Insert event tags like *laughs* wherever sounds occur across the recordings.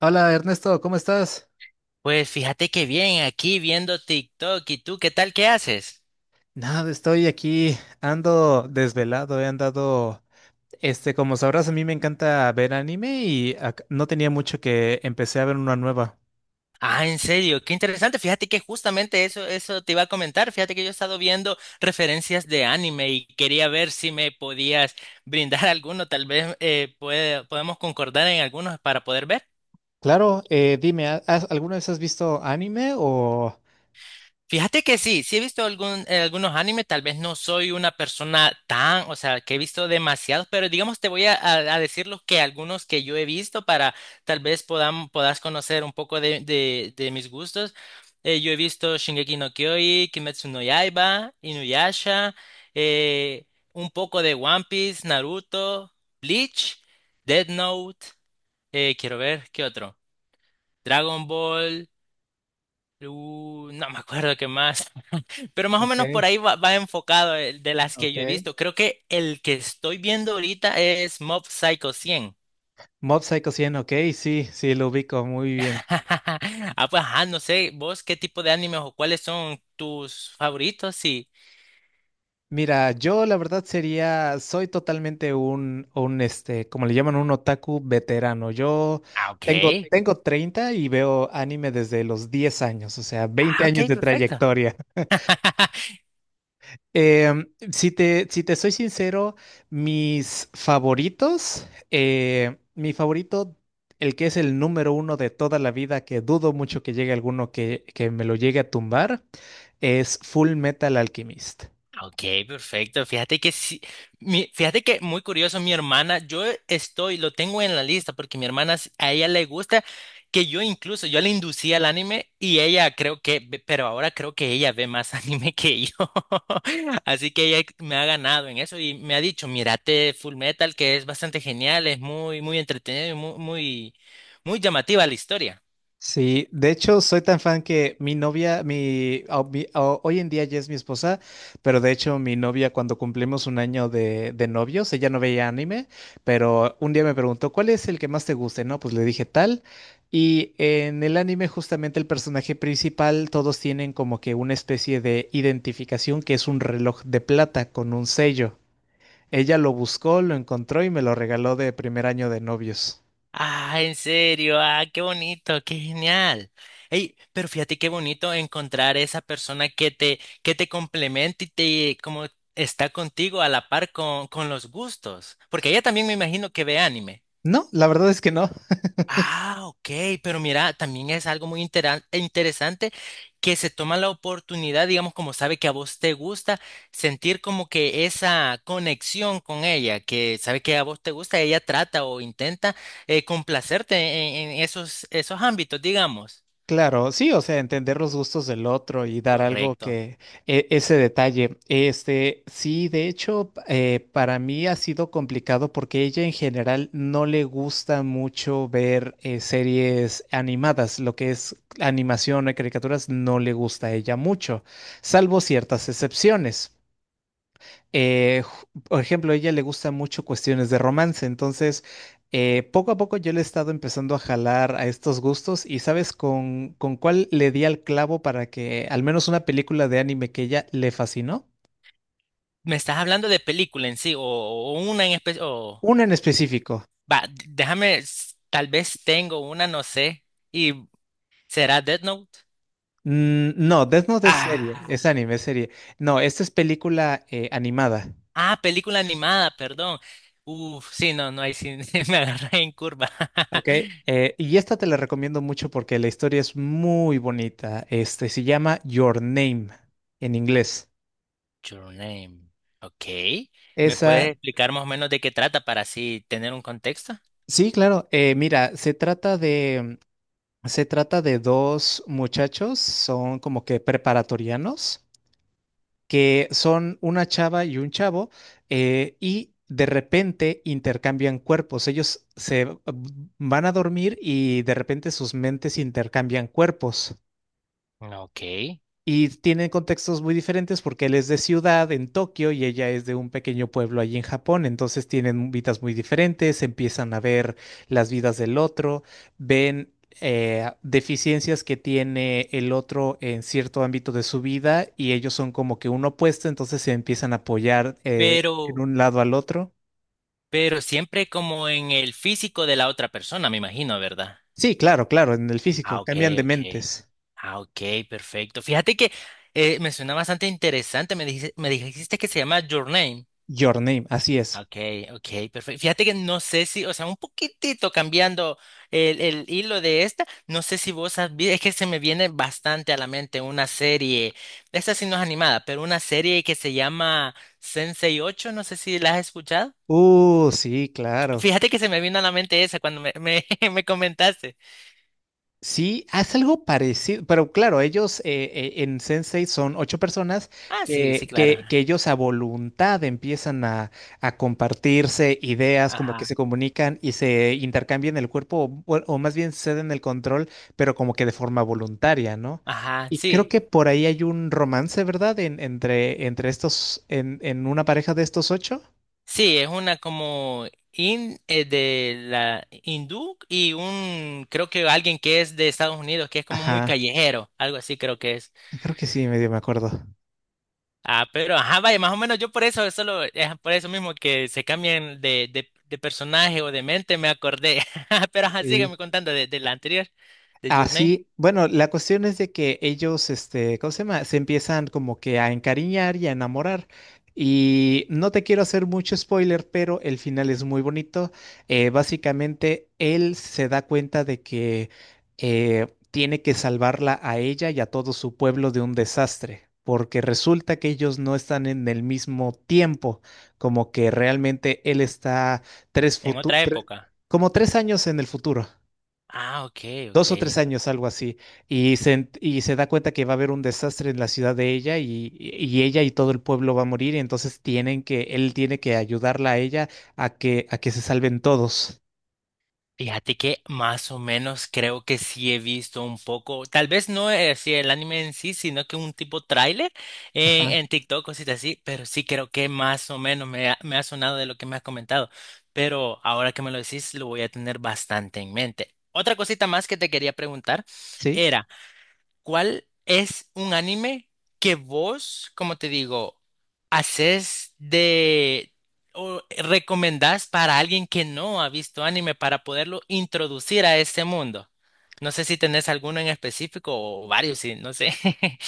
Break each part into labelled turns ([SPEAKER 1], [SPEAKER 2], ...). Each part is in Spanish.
[SPEAKER 1] Hola Ernesto, ¿cómo estás?
[SPEAKER 2] Pues fíjate que bien, aquí viendo TikTok y tú, ¿qué tal? ¿Qué haces?
[SPEAKER 1] Nada, estoy aquí, ando desvelado, he andado, este, como sabrás, a mí me encanta ver anime no tenía mucho que empecé a ver una nueva.
[SPEAKER 2] Ah, en serio, qué interesante. Fíjate que justamente eso te iba a comentar. Fíjate que yo he estado viendo referencias de anime y quería ver si me podías brindar *laughs* alguno. Tal vez podemos concordar en algunos para poder ver.
[SPEAKER 1] Claro, dime, ¿alguna vez has visto anime o...
[SPEAKER 2] Fíjate que sí he visto algunos animes, tal vez no soy una persona tan, o sea, que he visto demasiados, pero digamos te voy a decir los que algunos que yo he visto para tal vez puedas conocer un poco de mis gustos. Yo he visto Shingeki no Kyojin, Kimetsu no Yaiba, Inuyasha, eh, un poco de One Piece, Naruto, Bleach, Death Note, quiero ver, ¿qué otro? Dragon Ball, no me acuerdo qué más. Pero más o
[SPEAKER 1] Ok,
[SPEAKER 2] menos por ahí va enfocado el de las que yo he
[SPEAKER 1] ok.
[SPEAKER 2] visto. Creo que el que estoy viendo ahorita es Mob Psycho 100.
[SPEAKER 1] ¿Mob Psycho 100? Ok, sí, sí, lo ubico muy bien.
[SPEAKER 2] *laughs* Ah, pues, ajá, no sé, vos qué tipo de animes o cuáles son tus favoritos y.
[SPEAKER 1] Mira, yo la verdad sería, soy totalmente un este, como le llaman, un otaku veterano. Yo
[SPEAKER 2] Ah, ok.
[SPEAKER 1] tengo 30 y veo anime desde los 10 años, o sea,
[SPEAKER 2] Ah,
[SPEAKER 1] 20 años
[SPEAKER 2] ok,
[SPEAKER 1] de
[SPEAKER 2] perfecto.
[SPEAKER 1] trayectoria.
[SPEAKER 2] *laughs*
[SPEAKER 1] Si te soy sincero, mis favoritos, mi favorito, el que es el número uno de toda la vida, que dudo mucho que llegue alguno que me lo llegue a tumbar, es Full Metal Alchemist.
[SPEAKER 2] Ok, perfecto. Fíjate que sí, fíjate que muy curioso, mi hermana, yo estoy, lo tengo en la lista porque mi hermana, a ella le gusta que yo incluso, yo le inducía al anime y ella creo que, pero ahora creo que ella ve más *laughs* anime que yo. *laughs* Así que ella me ha ganado en eso y me ha dicho, mírate Full Metal, que es bastante genial, es muy, muy entretenido y muy, muy, muy llamativa la historia.
[SPEAKER 1] Sí, de hecho soy tan fan que mi novia, hoy en día ya es mi esposa, pero de hecho mi novia cuando cumplimos 1 año de novios, ella no veía anime, pero un día me preguntó, ¿cuál es el que más te guste? No, pues le dije tal. Y en el anime justamente el personaje principal, todos tienen como que una especie de identificación que es un reloj de plata con un sello. Ella lo buscó, lo encontró y me lo regaló de primer año de novios.
[SPEAKER 2] Ah, en serio, ah, qué bonito, qué genial. Ey, pero fíjate qué bonito encontrar esa persona que te complemente y te como está contigo a la par con los gustos. Porque ella también me imagino que ve anime.
[SPEAKER 1] No, la verdad es que no.
[SPEAKER 2] Ah, ok, pero mira, también es algo muy interesante, que se toma la oportunidad, digamos, como sabe que a vos te gusta, sentir como que esa conexión con ella, que sabe que a vos te gusta, ella trata o intenta complacerte en esos ámbitos, digamos.
[SPEAKER 1] Claro, sí, o sea, entender los gustos del otro y dar algo
[SPEAKER 2] Correcto.
[SPEAKER 1] que ese detalle. Este, sí, de hecho, para mí ha sido complicado porque ella en general no le gusta mucho ver series animadas, lo que es animación o caricaturas no le gusta a ella mucho, salvo ciertas excepciones eh, por ejemplo, a ella le gustan mucho cuestiones de romance, entonces poco a poco yo le he estado empezando a jalar a estos gustos y sabes con cuál le di al clavo para que al menos una película de anime que ella le fascinó,
[SPEAKER 2] ¿Me estás hablando de película en sí o una en especial? O.
[SPEAKER 1] una en específico.
[SPEAKER 2] Va, déjame, tal vez tengo una, no sé, y será Death Note.
[SPEAKER 1] Mm, no, Death Note es serie,
[SPEAKER 2] Ah.
[SPEAKER 1] es anime, es serie. No, esta es película animada.
[SPEAKER 2] Ah, película animada, perdón. Uf, sí, no, no, hay sí *laughs* me agarré en curva.
[SPEAKER 1] Ok,
[SPEAKER 2] *laughs*
[SPEAKER 1] y esta te la recomiendo mucho porque la historia es muy bonita. Este se llama Your Name en inglés.
[SPEAKER 2] Your Name. Ok. ¿Me
[SPEAKER 1] Esa...
[SPEAKER 2] puedes explicar más o menos de qué trata para así tener un contexto?
[SPEAKER 1] Sí, claro. Mira, se trata de dos muchachos, son como que preparatorianos, que son una chava y un chavo, y de repente intercambian cuerpos. Ellos se van a dormir y de repente sus mentes intercambian cuerpos.
[SPEAKER 2] Ok.
[SPEAKER 1] Y tienen contextos muy diferentes porque él es de ciudad en Tokio y ella es de un pequeño pueblo allí en Japón. Entonces tienen vidas muy diferentes, empiezan a ver las vidas del otro, ven deficiencias que tiene el otro en cierto ámbito de su vida y ellos son como que un opuesto, entonces se empiezan a apoyar en
[SPEAKER 2] Pero,
[SPEAKER 1] un lado al otro.
[SPEAKER 2] pero siempre como en el físico de la otra persona, me imagino, ¿verdad?
[SPEAKER 1] Sí, claro, claro, en el físico,
[SPEAKER 2] Ah, ok,
[SPEAKER 1] cambian de
[SPEAKER 2] ok.
[SPEAKER 1] mentes.
[SPEAKER 2] Ah, ok, perfecto. Fíjate que me suena bastante interesante. Me dijiste que se llama Your Name.
[SPEAKER 1] Your Name, así es.
[SPEAKER 2] Ok, ok, perfecto. Fíjate que no sé si, o sea, un poquitito cambiando el hilo de esta, no sé si vos has es que se me viene bastante a la mente una serie, esta sí no es animada, pero una serie que se llama Sensei ocho, no sé si la has escuchado.
[SPEAKER 1] Sí, claro.
[SPEAKER 2] Fíjate que se me vino a la mente esa cuando *laughs* me comentaste.
[SPEAKER 1] Sí, haz algo parecido, pero claro, ellos en Sensei son ocho personas
[SPEAKER 2] Ah, sí, sí,
[SPEAKER 1] que,
[SPEAKER 2] claro.
[SPEAKER 1] que, que ellos a voluntad empiezan a compartirse ideas, como que se
[SPEAKER 2] Ajá,
[SPEAKER 1] comunican y se intercambian el cuerpo, o, bueno, o más bien ceden el control, pero como que de forma voluntaria, ¿no?
[SPEAKER 2] ajá,
[SPEAKER 1] Y creo
[SPEAKER 2] sí.
[SPEAKER 1] que por ahí hay un romance, ¿verdad? Entre estos, en una pareja de estos ocho.
[SPEAKER 2] Sí, es una como de la hindú y un, creo que alguien que es de Estados Unidos, que es como muy
[SPEAKER 1] Ajá,
[SPEAKER 2] callejero, algo así creo que es.
[SPEAKER 1] creo que sí, medio me acuerdo.
[SPEAKER 2] Ah, pero ajá, vaya, más o menos yo por eso, es solo, es por eso mismo que se cambian de personaje o de mente, me acordé. *laughs* Pero ajá,
[SPEAKER 1] Sí.
[SPEAKER 2] sígueme contando de la anterior, de
[SPEAKER 1] Ah,
[SPEAKER 2] Your Name,
[SPEAKER 1] sí. Bueno, la cuestión es de que ellos, este, ¿cómo se llama? Se empiezan como que a encariñar y a enamorar. Y no te quiero hacer mucho spoiler, pero el final es muy bonito. Básicamente, él se da cuenta de que tiene que salvarla a ella y a todo su pueblo de un desastre, porque resulta que ellos no están en el mismo tiempo, como que realmente él está tres
[SPEAKER 2] en otra
[SPEAKER 1] futu- tre-
[SPEAKER 2] época.
[SPEAKER 1] como 3 años en el futuro,
[SPEAKER 2] Ah, ok, ok.
[SPEAKER 1] 2 o 3 años, algo así, y se da cuenta que va a haber un desastre en la ciudad de ella y ella y todo el pueblo va a morir, y entonces tienen que, él tiene que ayudarla a ella a que se salven todos.
[SPEAKER 2] Fíjate que más o menos creo que sí he visto un poco, tal vez no es así el anime en sí, sino que un tipo tráiler en,
[SPEAKER 1] Ajá.
[SPEAKER 2] en TikTok, cositas así, pero sí creo que más o menos me ha sonado de lo que me has comentado. Pero ahora que me lo decís, lo voy a tener bastante en mente. Otra cosita más que te quería preguntar
[SPEAKER 1] ¿Sí?
[SPEAKER 2] era. ¿Cuál es un anime que vos, como te digo, haces de o recomendás para alguien que no ha visto anime para poderlo introducir a este mundo? No sé si tenés alguno en específico o varios, sí, no sé.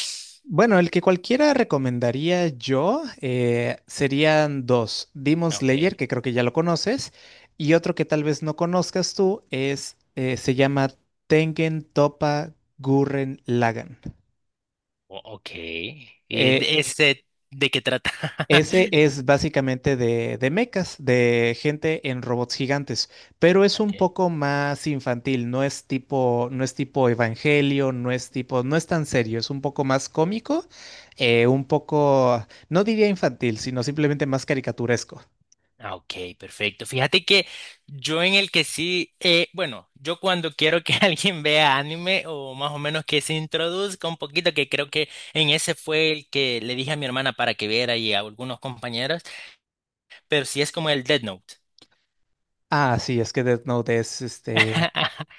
[SPEAKER 2] *laughs*
[SPEAKER 1] Bueno, el que cualquiera recomendaría yo serían dos, Demon Slayer,
[SPEAKER 2] Okay,
[SPEAKER 1] que creo que ya lo conoces, y otro que tal vez no conozcas tú es, se llama Tengen Toppa Gurren Lagann.
[SPEAKER 2] ok. ¿Y
[SPEAKER 1] Eh,
[SPEAKER 2] de ese de qué trata?
[SPEAKER 1] Ese
[SPEAKER 2] *laughs*
[SPEAKER 1] es básicamente de mechas, de gente en robots gigantes, pero es un
[SPEAKER 2] Ok.
[SPEAKER 1] poco más infantil, no es tipo, no es tipo Evangelio, no es tipo, no es tan serio, es un poco más cómico, un poco, no diría infantil, sino simplemente más caricaturesco.
[SPEAKER 2] Ah, ok, perfecto. Fíjate que yo en el que sí, bueno, yo cuando quiero que *laughs* alguien vea anime o más o menos que se introduzca un poquito, que creo que en ese fue el que le dije a mi hermana para que viera y a algunos compañeros, pero sí es como el Dead Note.
[SPEAKER 1] Ah, sí, es que Death Note es este,
[SPEAKER 2] *laughs*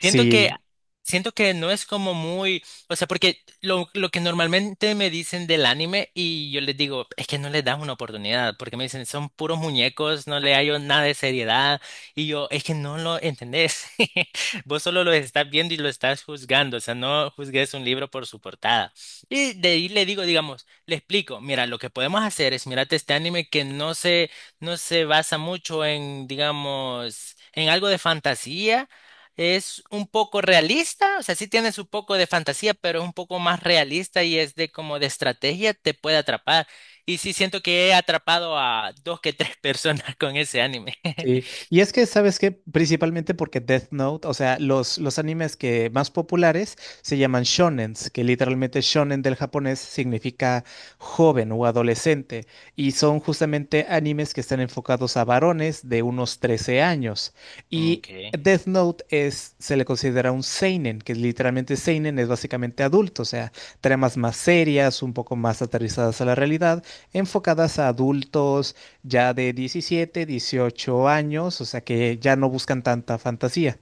[SPEAKER 2] Siento que,
[SPEAKER 1] sí.
[SPEAKER 2] siento que no es como muy, o sea, porque lo que normalmente me dicen del anime y yo les digo, es que no les das una oportunidad, porque me dicen, son puros muñecos, no le hallo nada de seriedad, y yo, es que no lo entendés, *laughs* vos solo lo estás viendo y lo estás juzgando, o sea, no juzgues un libro por su portada. Y de ahí le digo, digamos, le explico, mira, lo que podemos hacer es mirate este anime que no se basa mucho en, digamos, en algo de fantasía, es un poco realista, o sea, sí tiene su poco de fantasía, pero es un poco más realista y es de como de estrategia, te puede atrapar. Y sí siento que he atrapado a dos que tres *laughs* personas con ese anime. *laughs*
[SPEAKER 1] Sí, y es que, ¿sabes qué? Principalmente porque Death Note, o sea, los animes que más populares se llaman shonens, que literalmente shonen del japonés significa joven o adolescente, y son justamente animes que están enfocados a varones de unos 13 años. Y
[SPEAKER 2] Okay.
[SPEAKER 1] Death Note es, se le considera un seinen, que literalmente seinen es básicamente adulto, o sea, tramas más serias, un poco más aterrizadas a la realidad, enfocadas a adultos ya de 17, 18 años, o sea que ya no buscan tanta fantasía.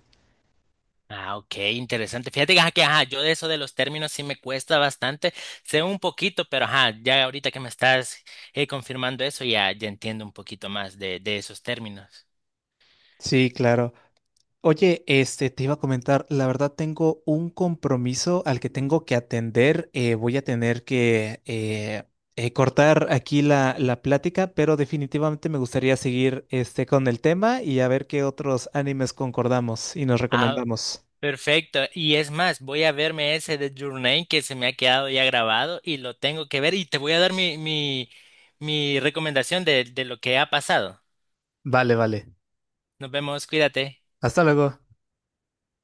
[SPEAKER 2] Ah, ok, interesante. Fíjate que ajá, yo de eso de los términos sí me cuesta bastante. Sé un poquito, pero ajá, ya ahorita que me estás confirmando eso, ya entiendo un poquito más de esos términos.
[SPEAKER 1] Sí, claro. Oye, este, te iba a comentar, la verdad tengo un compromiso al que tengo que atender. Voy a tener que cortar aquí la plática, pero definitivamente me gustaría seguir este, con el tema y a ver qué otros animes concordamos y nos
[SPEAKER 2] Ah,
[SPEAKER 1] recomendamos.
[SPEAKER 2] perfecto. Y es más, voy a verme ese de Your Name que se me ha quedado ya grabado y lo tengo que ver y te voy a dar mi recomendación de lo que ha pasado.
[SPEAKER 1] Vale, vale.
[SPEAKER 2] Nos vemos, cuídate.
[SPEAKER 1] Hasta luego.